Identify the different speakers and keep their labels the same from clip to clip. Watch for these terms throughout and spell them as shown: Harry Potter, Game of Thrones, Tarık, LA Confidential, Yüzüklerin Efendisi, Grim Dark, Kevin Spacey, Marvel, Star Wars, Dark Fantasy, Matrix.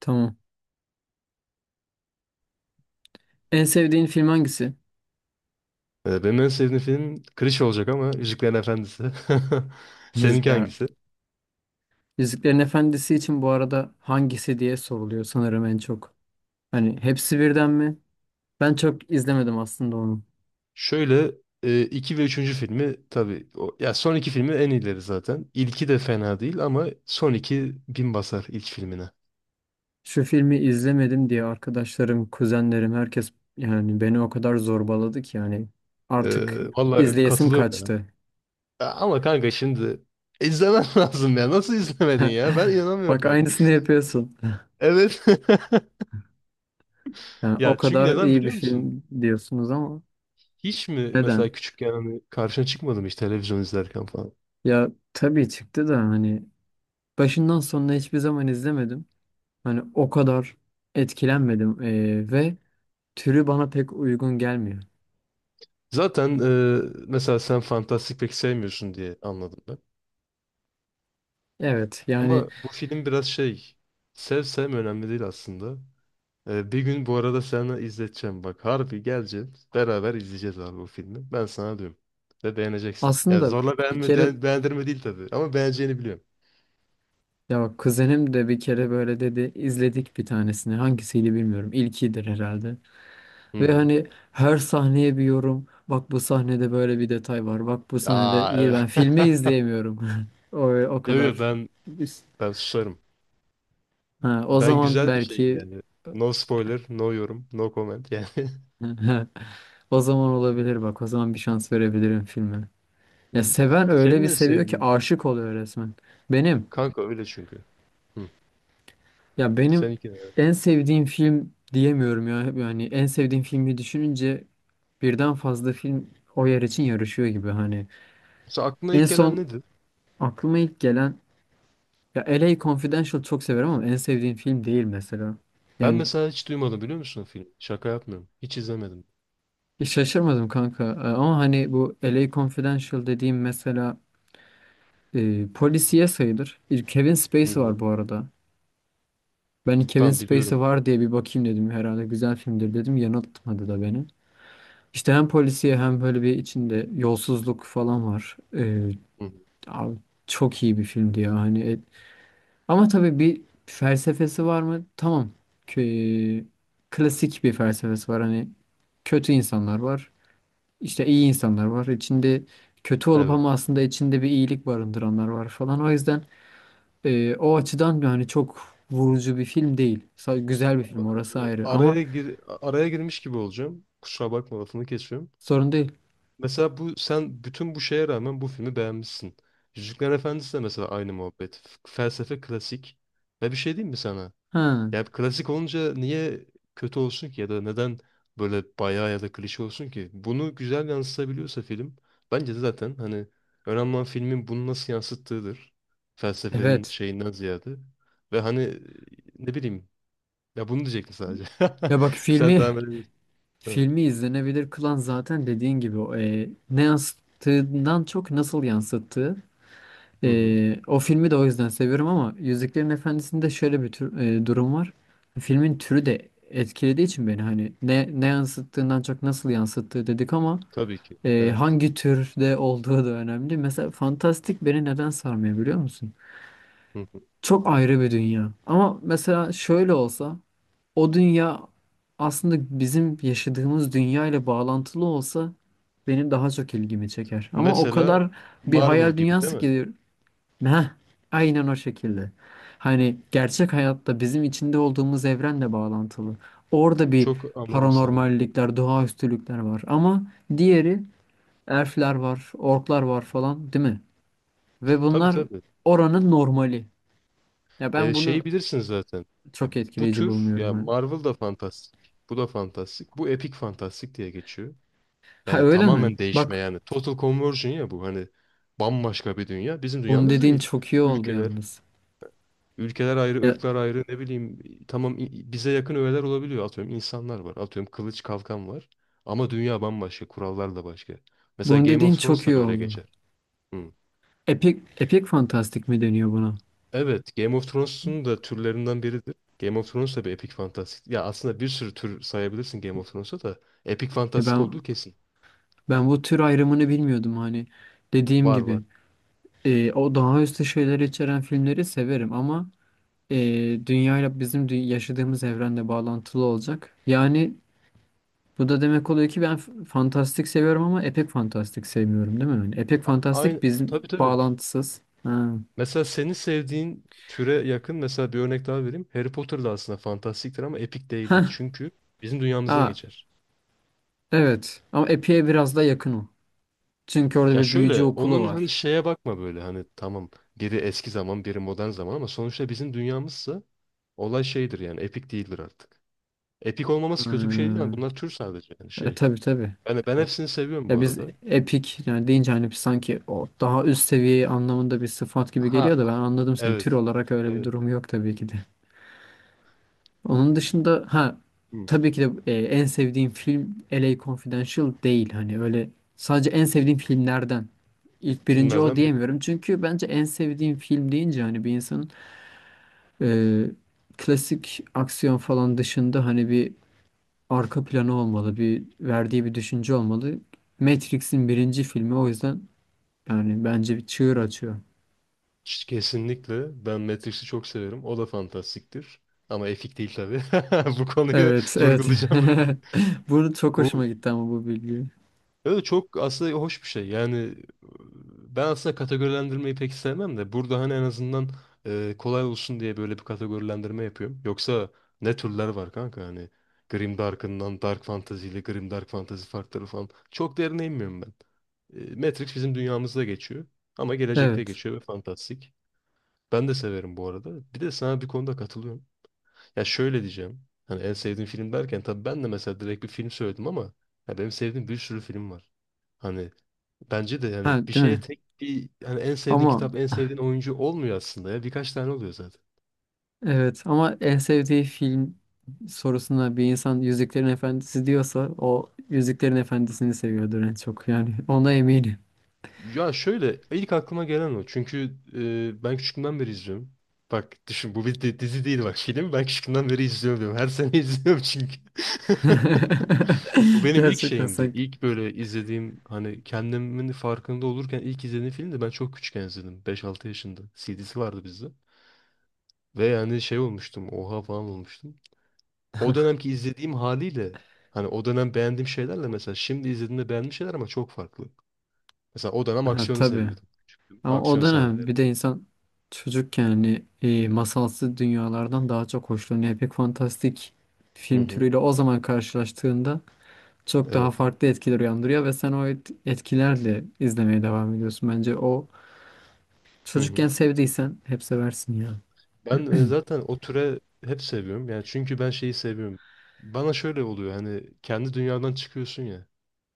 Speaker 1: Tamam. En sevdiğin film hangisi?
Speaker 2: Benim en sevdiğim film klişe olacak ama Yüzüklerin Efendisi.
Speaker 1: Yüz,
Speaker 2: Seninki
Speaker 1: ya
Speaker 2: hangisi?
Speaker 1: Yüzüklerin Efendisi için bu arada hangisi diye soruluyor sanırım en çok. Hani hepsi birden mi? Ben çok izlemedim aslında onu.
Speaker 2: Şöyle iki ve üçüncü filmi tabii o, ya son iki filmi en iyileri zaten. İlki de fena değil ama son 2000 basar ilk filmine.
Speaker 1: Şu filmi izlemedim diye arkadaşlarım, kuzenlerim, herkes yani beni o kadar zorbaladı ki yani artık
Speaker 2: Vallahi
Speaker 1: izleyesim
Speaker 2: katılıyorum ben.
Speaker 1: kaçtı.
Speaker 2: Ya ama kanka şimdi izlemen lazım ya. Nasıl izlemedin ya? Ben inanamıyorum
Speaker 1: Bak
Speaker 2: bak.
Speaker 1: aynısını yapıyorsun.
Speaker 2: Evet.
Speaker 1: Yani o
Speaker 2: Ya çünkü
Speaker 1: kadar
Speaker 2: neden
Speaker 1: iyi bir
Speaker 2: biliyor musun?
Speaker 1: film diyorsunuz ama
Speaker 2: Hiç mi
Speaker 1: neden?
Speaker 2: mesela küçükken hani karşına çıkmadım hiç televizyon izlerken falan?
Speaker 1: Ya tabii çıktı da hani başından sonuna hiçbir zaman izlemedim. Hani o kadar etkilenmedim ve türü bana pek uygun gelmiyor.
Speaker 2: Zaten mesela sen fantastik pek sevmiyorsun diye anladım ben.
Speaker 1: Evet yani
Speaker 2: Ama bu film biraz şey, sevme önemli değil aslında. Bir gün bu arada sana izleteceğim bak. Harbi geleceğim. Beraber izleyeceğiz abi bu filmi. Ben sana diyorum. Ve beğeneceksin. Yani
Speaker 1: aslında
Speaker 2: zorla
Speaker 1: bir
Speaker 2: beğenme,
Speaker 1: kere
Speaker 2: beğendirme değil tabii. Ama beğeneceğini biliyorum.
Speaker 1: ya bak kuzenim de bir kere böyle dedi, izledik bir tanesini, hangisiydi bilmiyorum, ilkidir herhalde. Ve
Speaker 2: Hmm.
Speaker 1: hani her sahneye bir yorum, bak bu sahnede böyle bir detay var, bak bu sahnede
Speaker 2: Aa,
Speaker 1: iyi,
Speaker 2: evet.
Speaker 1: ben filmi izleyemiyorum. O, o
Speaker 2: Yo, yo,
Speaker 1: kadar.
Speaker 2: ben susarım.
Speaker 1: Ha, o
Speaker 2: Ben
Speaker 1: zaman
Speaker 2: güzel bir şeyim
Speaker 1: belki
Speaker 2: yani. No spoiler, no yorum, no comment yani.
Speaker 1: o zaman olabilir, bak, o zaman bir şans verebilirim filme. Ya seven öyle
Speaker 2: Senin
Speaker 1: bir
Speaker 2: ne
Speaker 1: seviyor ki
Speaker 2: sevdiğin.
Speaker 1: aşık oluyor resmen. Benim
Speaker 2: Kanka öyle çünkü. Hı.
Speaker 1: ya
Speaker 2: Sen
Speaker 1: benim
Speaker 2: iki.
Speaker 1: en sevdiğim film diyemiyorum ya. Yani en sevdiğim filmi düşününce birden fazla film o yer için yarışıyor gibi hani.
Speaker 2: Mesela aklına
Speaker 1: En
Speaker 2: ilk gelen
Speaker 1: son
Speaker 2: nedir?
Speaker 1: aklıma ilk gelen, ya, LA Confidential çok severim ama en sevdiğim film değil mesela.
Speaker 2: Ben
Speaker 1: Yani
Speaker 2: mesela hiç duymadım biliyor musun o filmi? Şaka yapmıyorum. Hiç izlemedim.
Speaker 1: şaşırmadım kanka. Ama hani bu LA Confidential dediğim mesela polisiye sayılır. Kevin
Speaker 2: Hı
Speaker 1: Spacey var
Speaker 2: hı.
Speaker 1: bu arada. Ben Kevin
Speaker 2: Tamam biliyorum
Speaker 1: Spacey
Speaker 2: onu.
Speaker 1: var diye bir bakayım dedim. Herhalde güzel filmdir dedim. Yanıltmadı da beni. İşte hem polisiye hem böyle bir içinde yolsuzluk falan var.
Speaker 2: Hı hı.
Speaker 1: Abi çok iyi bir filmdi ya. Hani ama tabii bir felsefesi var mı? Tamam. Kö- klasik bir felsefesi var. Hani kötü insanlar var. İşte iyi insanlar var. İçinde kötü olup
Speaker 2: Evet.
Speaker 1: ama aslında içinde bir iyilik barındıranlar var falan. O yüzden o açıdan yani çok vurucu bir film değil. Güzel bir
Speaker 2: Ama,
Speaker 1: film, orası ayrı, ama
Speaker 2: Araya girmiş gibi olacağım. Kusura bakma, lafını kesiyorum.
Speaker 1: sorun değil.
Speaker 2: Mesela bu sen bütün bu şeye rağmen bu filmi beğenmişsin. Yüzüklerin Efendisi de mesela aynı muhabbet. Felsefe klasik. Ve bir şey diyeyim mi sana?
Speaker 1: Ha,
Speaker 2: Yani klasik olunca niye kötü olsun ki ya da neden böyle bayağı ya da klişe olsun ki? Bunu güzel yansıtabiliyorsa film, bence de zaten hani önemli olan filmin bunu nasıl yansıttığıdır. Felsefenin
Speaker 1: evet.
Speaker 2: şeyinden ziyade. Ve hani ne bileyim, ya bunu diyecektim sadece.
Speaker 1: Ya bak,
Speaker 2: Sen
Speaker 1: filmi
Speaker 2: devam edebilirsin. Evet.
Speaker 1: filmi izlenebilir kılan zaten dediğin gibi o, ne yansıttığından çok nasıl yansıttığı.
Speaker 2: Hı hı.
Speaker 1: E, o filmi de o yüzden seviyorum ama Yüzüklerin Efendisi'nde şöyle bir tür, durum var. Filmin türü de etkilediği için beni, hani ne yansıttığından çok nasıl yansıttığı dedik ama
Speaker 2: Tabii ki. Evet.
Speaker 1: hangi türde olduğu da önemli. Mesela fantastik beni neden sarmıyor biliyor musun?
Speaker 2: Hı hı.
Speaker 1: Çok ayrı bir dünya. Ama mesela şöyle olsa, o dünya aslında bizim yaşadığımız dünya ile bağlantılı olsa benim daha çok ilgimi çeker. Ama o
Speaker 2: Mesela
Speaker 1: kadar bir
Speaker 2: Marvel
Speaker 1: hayal
Speaker 2: gibi değil
Speaker 1: dünyası
Speaker 2: mi?
Speaker 1: ki, heh, aynen o şekilde. Hani gerçek hayatta bizim içinde olduğumuz evrenle bağlantılı. Orada bir
Speaker 2: Çok anladım seni.
Speaker 1: paranormallikler, doğaüstülükler var. Ama diğeri, elfler var, orklar var falan, değil mi? Ve
Speaker 2: Tabii
Speaker 1: bunlar
Speaker 2: tabii.
Speaker 1: oranın normali. Ya ben
Speaker 2: Şeyi
Speaker 1: bunu
Speaker 2: bilirsin zaten.
Speaker 1: çok
Speaker 2: Bu
Speaker 1: etkileyici
Speaker 2: tür,
Speaker 1: bulmuyorum
Speaker 2: ya
Speaker 1: hani.
Speaker 2: Marvel da fantastik. Bu da fantastik. Bu epik fantastik diye geçiyor.
Speaker 1: Ha,
Speaker 2: Yani
Speaker 1: öyle mi?
Speaker 2: tamamen değişme
Speaker 1: Bak,
Speaker 2: yani. Total conversion ya bu, hani bambaşka bir dünya. Bizim
Speaker 1: bunu
Speaker 2: dünyamız
Speaker 1: dediğin
Speaker 2: değil.
Speaker 1: çok iyi oldu
Speaker 2: Ülkeler,
Speaker 1: yalnız.
Speaker 2: ülkeler ayrı,
Speaker 1: Ya,
Speaker 2: ırklar ayrı, ne bileyim tamam, bize yakın öğeler olabiliyor. Atıyorum insanlar var. Atıyorum kılıç kalkan var. Ama dünya bambaşka. Kurallar da başka. Mesela
Speaker 1: bunu
Speaker 2: Game
Speaker 1: dediğin
Speaker 2: of
Speaker 1: çok
Speaker 2: Thrones da
Speaker 1: iyi
Speaker 2: böyle
Speaker 1: oldu.
Speaker 2: geçer. Hı.
Speaker 1: Epik fantastik mi deniyor buna?
Speaker 2: Evet, Game of Thrones'un da türlerinden biridir. Game of Thrones da bir epik fantastik. Ya aslında bir sürü tür sayabilirsin Game of Thrones'a da, epik
Speaker 1: Ya
Speaker 2: fantastik
Speaker 1: ben
Speaker 2: olduğu kesin.
Speaker 1: ben bu tür ayrımını bilmiyordum hani. Dediğim
Speaker 2: Var
Speaker 1: gibi,
Speaker 2: var.
Speaker 1: o daha üstü şeyler içeren filmleri severim ama e, dünyayla, bizim yaşadığımız evrende bağlantılı olacak. Yani bu da demek oluyor ki ben fantastik seviyorum ama epik fantastik sevmiyorum, değil mi? Yani epik fantastik
Speaker 2: Aynı,
Speaker 1: bizim
Speaker 2: tabii tabii.
Speaker 1: bağlantısız. Ha.
Speaker 2: Mesela senin sevdiğin türe yakın mesela, bir örnek daha vereyim. Harry Potter da aslında fantastiktir ama epik değildir.
Speaker 1: Heh,
Speaker 2: Çünkü bizim dünyamızda
Speaker 1: aa,
Speaker 2: geçer.
Speaker 1: evet, ama Epi'ye biraz daha yakın o. Çünkü orada
Speaker 2: Ya
Speaker 1: bir büyücü
Speaker 2: şöyle,
Speaker 1: okulu
Speaker 2: onun hani
Speaker 1: var.
Speaker 2: şeye bakma, böyle hani tamam biri eski zaman, biri modern zaman ama sonuçta bizim dünyamızsa olay şeydir yani, epik değildir artık. Epik olmaması kötü bir şey değil ama
Speaker 1: Hmm.
Speaker 2: bunlar tür sadece yani, şey.
Speaker 1: Tabii tabii.
Speaker 2: Yani ben
Speaker 1: Evet.
Speaker 2: hepsini seviyorum bu
Speaker 1: Ya biz
Speaker 2: arada.
Speaker 1: epik yani deyince hani biz sanki o daha üst seviye anlamında bir sıfat gibi
Speaker 2: Ha,
Speaker 1: geliyor da, ben anladım seni. Tür
Speaker 2: evet.
Speaker 1: olarak öyle bir
Speaker 2: Evet.
Speaker 1: durum yok tabii ki de. Onun dışında, ha,
Speaker 2: Hı.
Speaker 1: tabii ki de en sevdiğim film LA Confidential değil hani öyle, sadece en sevdiğim filmlerden. İlk birinci o
Speaker 2: Filmlerden biri.
Speaker 1: diyemiyorum. Çünkü bence en sevdiğim film deyince hani bir insanın, Ee, klasik aksiyon falan dışında hani bir arka planı olmalı, bir verdiği bir düşünce olmalı. Matrix'in birinci filmi o yüzden yani bence bir çığır açıyor.
Speaker 2: Kesinlikle. Ben Matrix'i çok severim. O da fantastiktir. Ama epik değil tabii. Bu konuyu
Speaker 1: Evet, evet.
Speaker 2: vurgulayacağım böyle.
Speaker 1: Bunu çok hoşuma
Speaker 2: Bu
Speaker 1: gitti ama bu bilgi.
Speaker 2: Evet, çok aslında hoş bir şey. Yani ben aslında kategorilendirmeyi pek sevmem de burada hani en azından kolay olsun diye böyle bir kategorilendirme yapıyorum. Yoksa ne türler var kanka hani, Grim Dark'ından Dark Fantasy ile Grim Dark Fantasy farkları falan. Çok derine inmiyorum ben. Matrix bizim dünyamızda geçiyor ama gelecekte
Speaker 1: Evet.
Speaker 2: geçiyor ve fantastik. Ben de severim bu arada. Bir de sana bir konuda katılıyorum. Ya şöyle diyeceğim. Hani en sevdiğim film derken tabii ben de mesela direkt bir film söyledim ama, ya benim sevdiğim bir sürü film var. Hani bence de yani
Speaker 1: Ha,
Speaker 2: bir
Speaker 1: değil
Speaker 2: şeye
Speaker 1: mi?
Speaker 2: tek bir hani en sevdiğin
Speaker 1: Ama
Speaker 2: kitap, en sevdiğin oyuncu olmuyor aslında ya. Birkaç tane oluyor zaten.
Speaker 1: evet, ama en sevdiği film sorusuna bir insan Yüzüklerin Efendisi diyorsa, o Yüzüklerin Efendisi'ni seviyordur en çok, yani ona eminim.
Speaker 2: Ya şöyle, ilk aklıma gelen o. Çünkü ben küçüklüğümden beri izliyorum. Bak düşün, bu bir dizi değil bak, film. Ben küçüklüğümden beri izliyorum diyorum. Her sene izliyorum çünkü. Bu benim ilk
Speaker 1: Gerçekten,
Speaker 2: şeyimdi.
Speaker 1: sanki.
Speaker 2: İlk böyle izlediğim, hani kendimin farkında olurken ilk izlediğim film, ben çok küçükken izledim. 5-6 yaşında. CD'si vardı bizde. Ve yani şey olmuştum. Oha falan olmuştum. O dönemki izlediğim haliyle, hani o dönem beğendiğim şeylerle mesela şimdi izlediğimde beğendiğim şeyler ama çok farklı. Mesela o dönem
Speaker 1: Ha,
Speaker 2: aksiyonu
Speaker 1: tabii.
Speaker 2: seviyordum. Küçüktüm.
Speaker 1: Ama o
Speaker 2: Aksiyon
Speaker 1: dönem
Speaker 2: sahneleri.
Speaker 1: bir de insan çocukken yani masalsı dünyalardan daha çok hoşlanıyor. Pek fantastik
Speaker 2: Hı
Speaker 1: film
Speaker 2: hı.
Speaker 1: türüyle o zaman karşılaştığında çok daha
Speaker 2: Evet.
Speaker 1: farklı etkiler uyandırıyor ve sen o etkilerle izlemeye devam ediyorsun. Bence o,
Speaker 2: Hı hı.
Speaker 1: çocukken sevdiysen hep seversin ya.
Speaker 2: Ben zaten o türe hep seviyorum. Yani çünkü ben şeyi seviyorum. Bana şöyle oluyor hani, kendi dünyadan çıkıyorsun ya.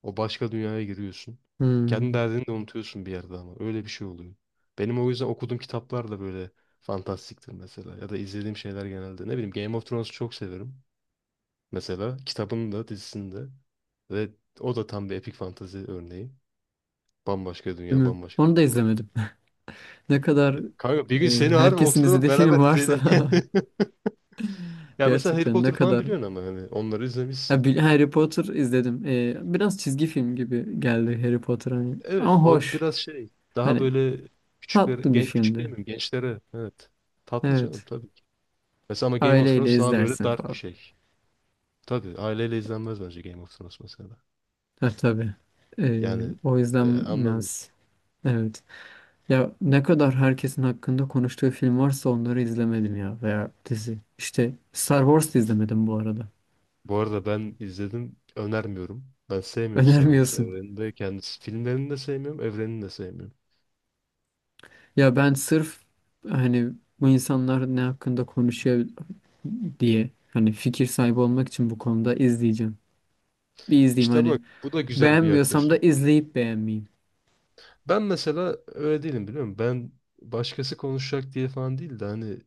Speaker 2: O başka dünyaya giriyorsun. Kendi
Speaker 1: Hmm,
Speaker 2: derdini de unutuyorsun bir yerde ama. Öyle bir şey oluyor. Benim o yüzden okuduğum kitaplar da böyle fantastiktir mesela. Ya da izlediğim şeyler genelde. Ne bileyim, Game of Thrones'u çok severim. Mesela kitabının da, dizisini de. Ve o da tam bir epik fantezi örneği. Bambaşka
Speaker 1: değil
Speaker 2: dünya,
Speaker 1: mi?
Speaker 2: bambaşka
Speaker 1: Onu da
Speaker 2: kurallar.
Speaker 1: izlemedim. Ne kadar
Speaker 2: Kanka bir gün seni harbi,
Speaker 1: herkesin
Speaker 2: oturalım
Speaker 1: izlediği film
Speaker 2: beraber
Speaker 1: varsa
Speaker 2: izleyelim. Ya mesela Harry
Speaker 1: gerçekten ne
Speaker 2: Potter falan
Speaker 1: kadar.
Speaker 2: biliyorsun ama hani onları
Speaker 1: Ha,
Speaker 2: izlemişsin.
Speaker 1: Harry Potter izledim. Biraz çizgi film gibi geldi Harry Potter hani.
Speaker 2: Evet,
Speaker 1: Ama
Speaker 2: on
Speaker 1: hoş.
Speaker 2: biraz şey, daha
Speaker 1: Hani
Speaker 2: böyle küçüklere,
Speaker 1: tatlı bir
Speaker 2: küçük
Speaker 1: filmdi.
Speaker 2: demiyorum, gençlere. Evet. Tatlı canım
Speaker 1: Evet.
Speaker 2: tabii ki. Mesela ama Game of
Speaker 1: Aileyle
Speaker 2: Thrones daha böyle
Speaker 1: izlersin
Speaker 2: dark bir
Speaker 1: falan.
Speaker 2: şey. Tabii aileyle izlenmez bence Game of Thrones mesela.
Speaker 1: Ha, tabii.
Speaker 2: Yani
Speaker 1: O yüzden
Speaker 2: anladım.
Speaker 1: biraz, evet. Ya ne kadar herkesin hakkında konuştuğu film varsa onları izlemedim ya, veya dizi. İşte Star Wars da izlemedim bu arada.
Speaker 2: Bu arada ben izledim, önermiyorum. Ben sevmiyorum Star Wars
Speaker 1: Önermiyorsun.
Speaker 2: evrenini de, kendisi filmlerini de sevmiyorum, evrenini de sevmiyorum.
Speaker 1: Ya ben sırf hani bu insanlar ne hakkında konuşuyor diye, hani fikir sahibi olmak için bu konuda izleyeceğim. Bir izleyeyim
Speaker 2: İşte
Speaker 1: hani,
Speaker 2: bak, bu da güzel bir
Speaker 1: beğenmiyorsam da
Speaker 2: yaklaşım.
Speaker 1: izleyip beğenmeyeyim.
Speaker 2: Ben mesela öyle değilim biliyor musun? Ben başkası konuşacak diye falan değil de hani,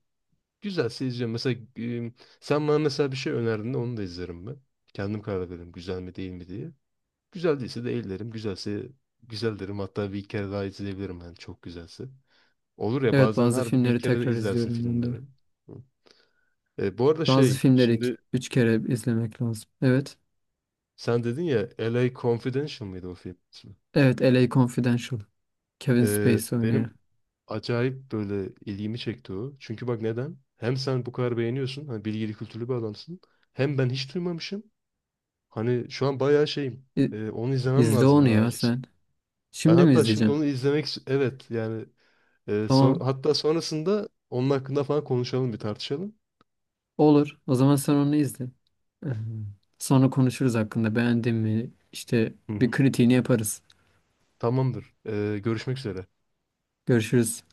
Speaker 2: güzelse izliyorum. Mesela sen bana mesela bir şey önerdin de onu da izlerim ben. Kendim karar veririm güzel mi değil mi diye. Güzel değilse de ellerim. Güzelse güzel derim. Hatta bir kere daha izleyebilirim yani, çok güzelse. Olur ya,
Speaker 1: Evet,
Speaker 2: bazen
Speaker 1: bazı
Speaker 2: harbi bir
Speaker 1: filmleri
Speaker 2: kere de
Speaker 1: tekrar
Speaker 2: izlersin
Speaker 1: izliyorum ben de.
Speaker 2: filmleri. Hı. Bu arada
Speaker 1: Bazı
Speaker 2: şey,
Speaker 1: filmleri iki-
Speaker 2: şimdi
Speaker 1: üç kere izlemek lazım. Evet.
Speaker 2: sen dedin ya, LA Confidential mıydı o film ismi?
Speaker 1: Evet, LA Confidential. Kevin Spacey oynuyor.
Speaker 2: Benim acayip böyle ilgimi çekti o. Çünkü bak, neden? Hem sen bu kadar beğeniyorsun. Hani bilgili, kültürlü bir adamsın. Hem ben hiç duymamışım. Hani şu an bayağı şeyim.
Speaker 1: İ-
Speaker 2: Onu izlemem
Speaker 1: İzle
Speaker 2: lazım
Speaker 1: onu
Speaker 2: hani,
Speaker 1: ya
Speaker 2: acil. Şey.
Speaker 1: sen.
Speaker 2: Ben
Speaker 1: Şimdi mi
Speaker 2: hatta şimdi
Speaker 1: izleyeceksin?
Speaker 2: onu izlemek evet yani
Speaker 1: Tamam.
Speaker 2: hatta sonrasında onun hakkında falan konuşalım, bir tartışalım.
Speaker 1: Olur. O zaman sen onu izle. Ee, Sonra konuşuruz hakkında. Beğendin mi? İşte
Speaker 2: Hı
Speaker 1: bir
Speaker 2: hı.
Speaker 1: kritiğini yaparız.
Speaker 2: Tamamdır. Görüşmek üzere.
Speaker 1: Görüşürüz.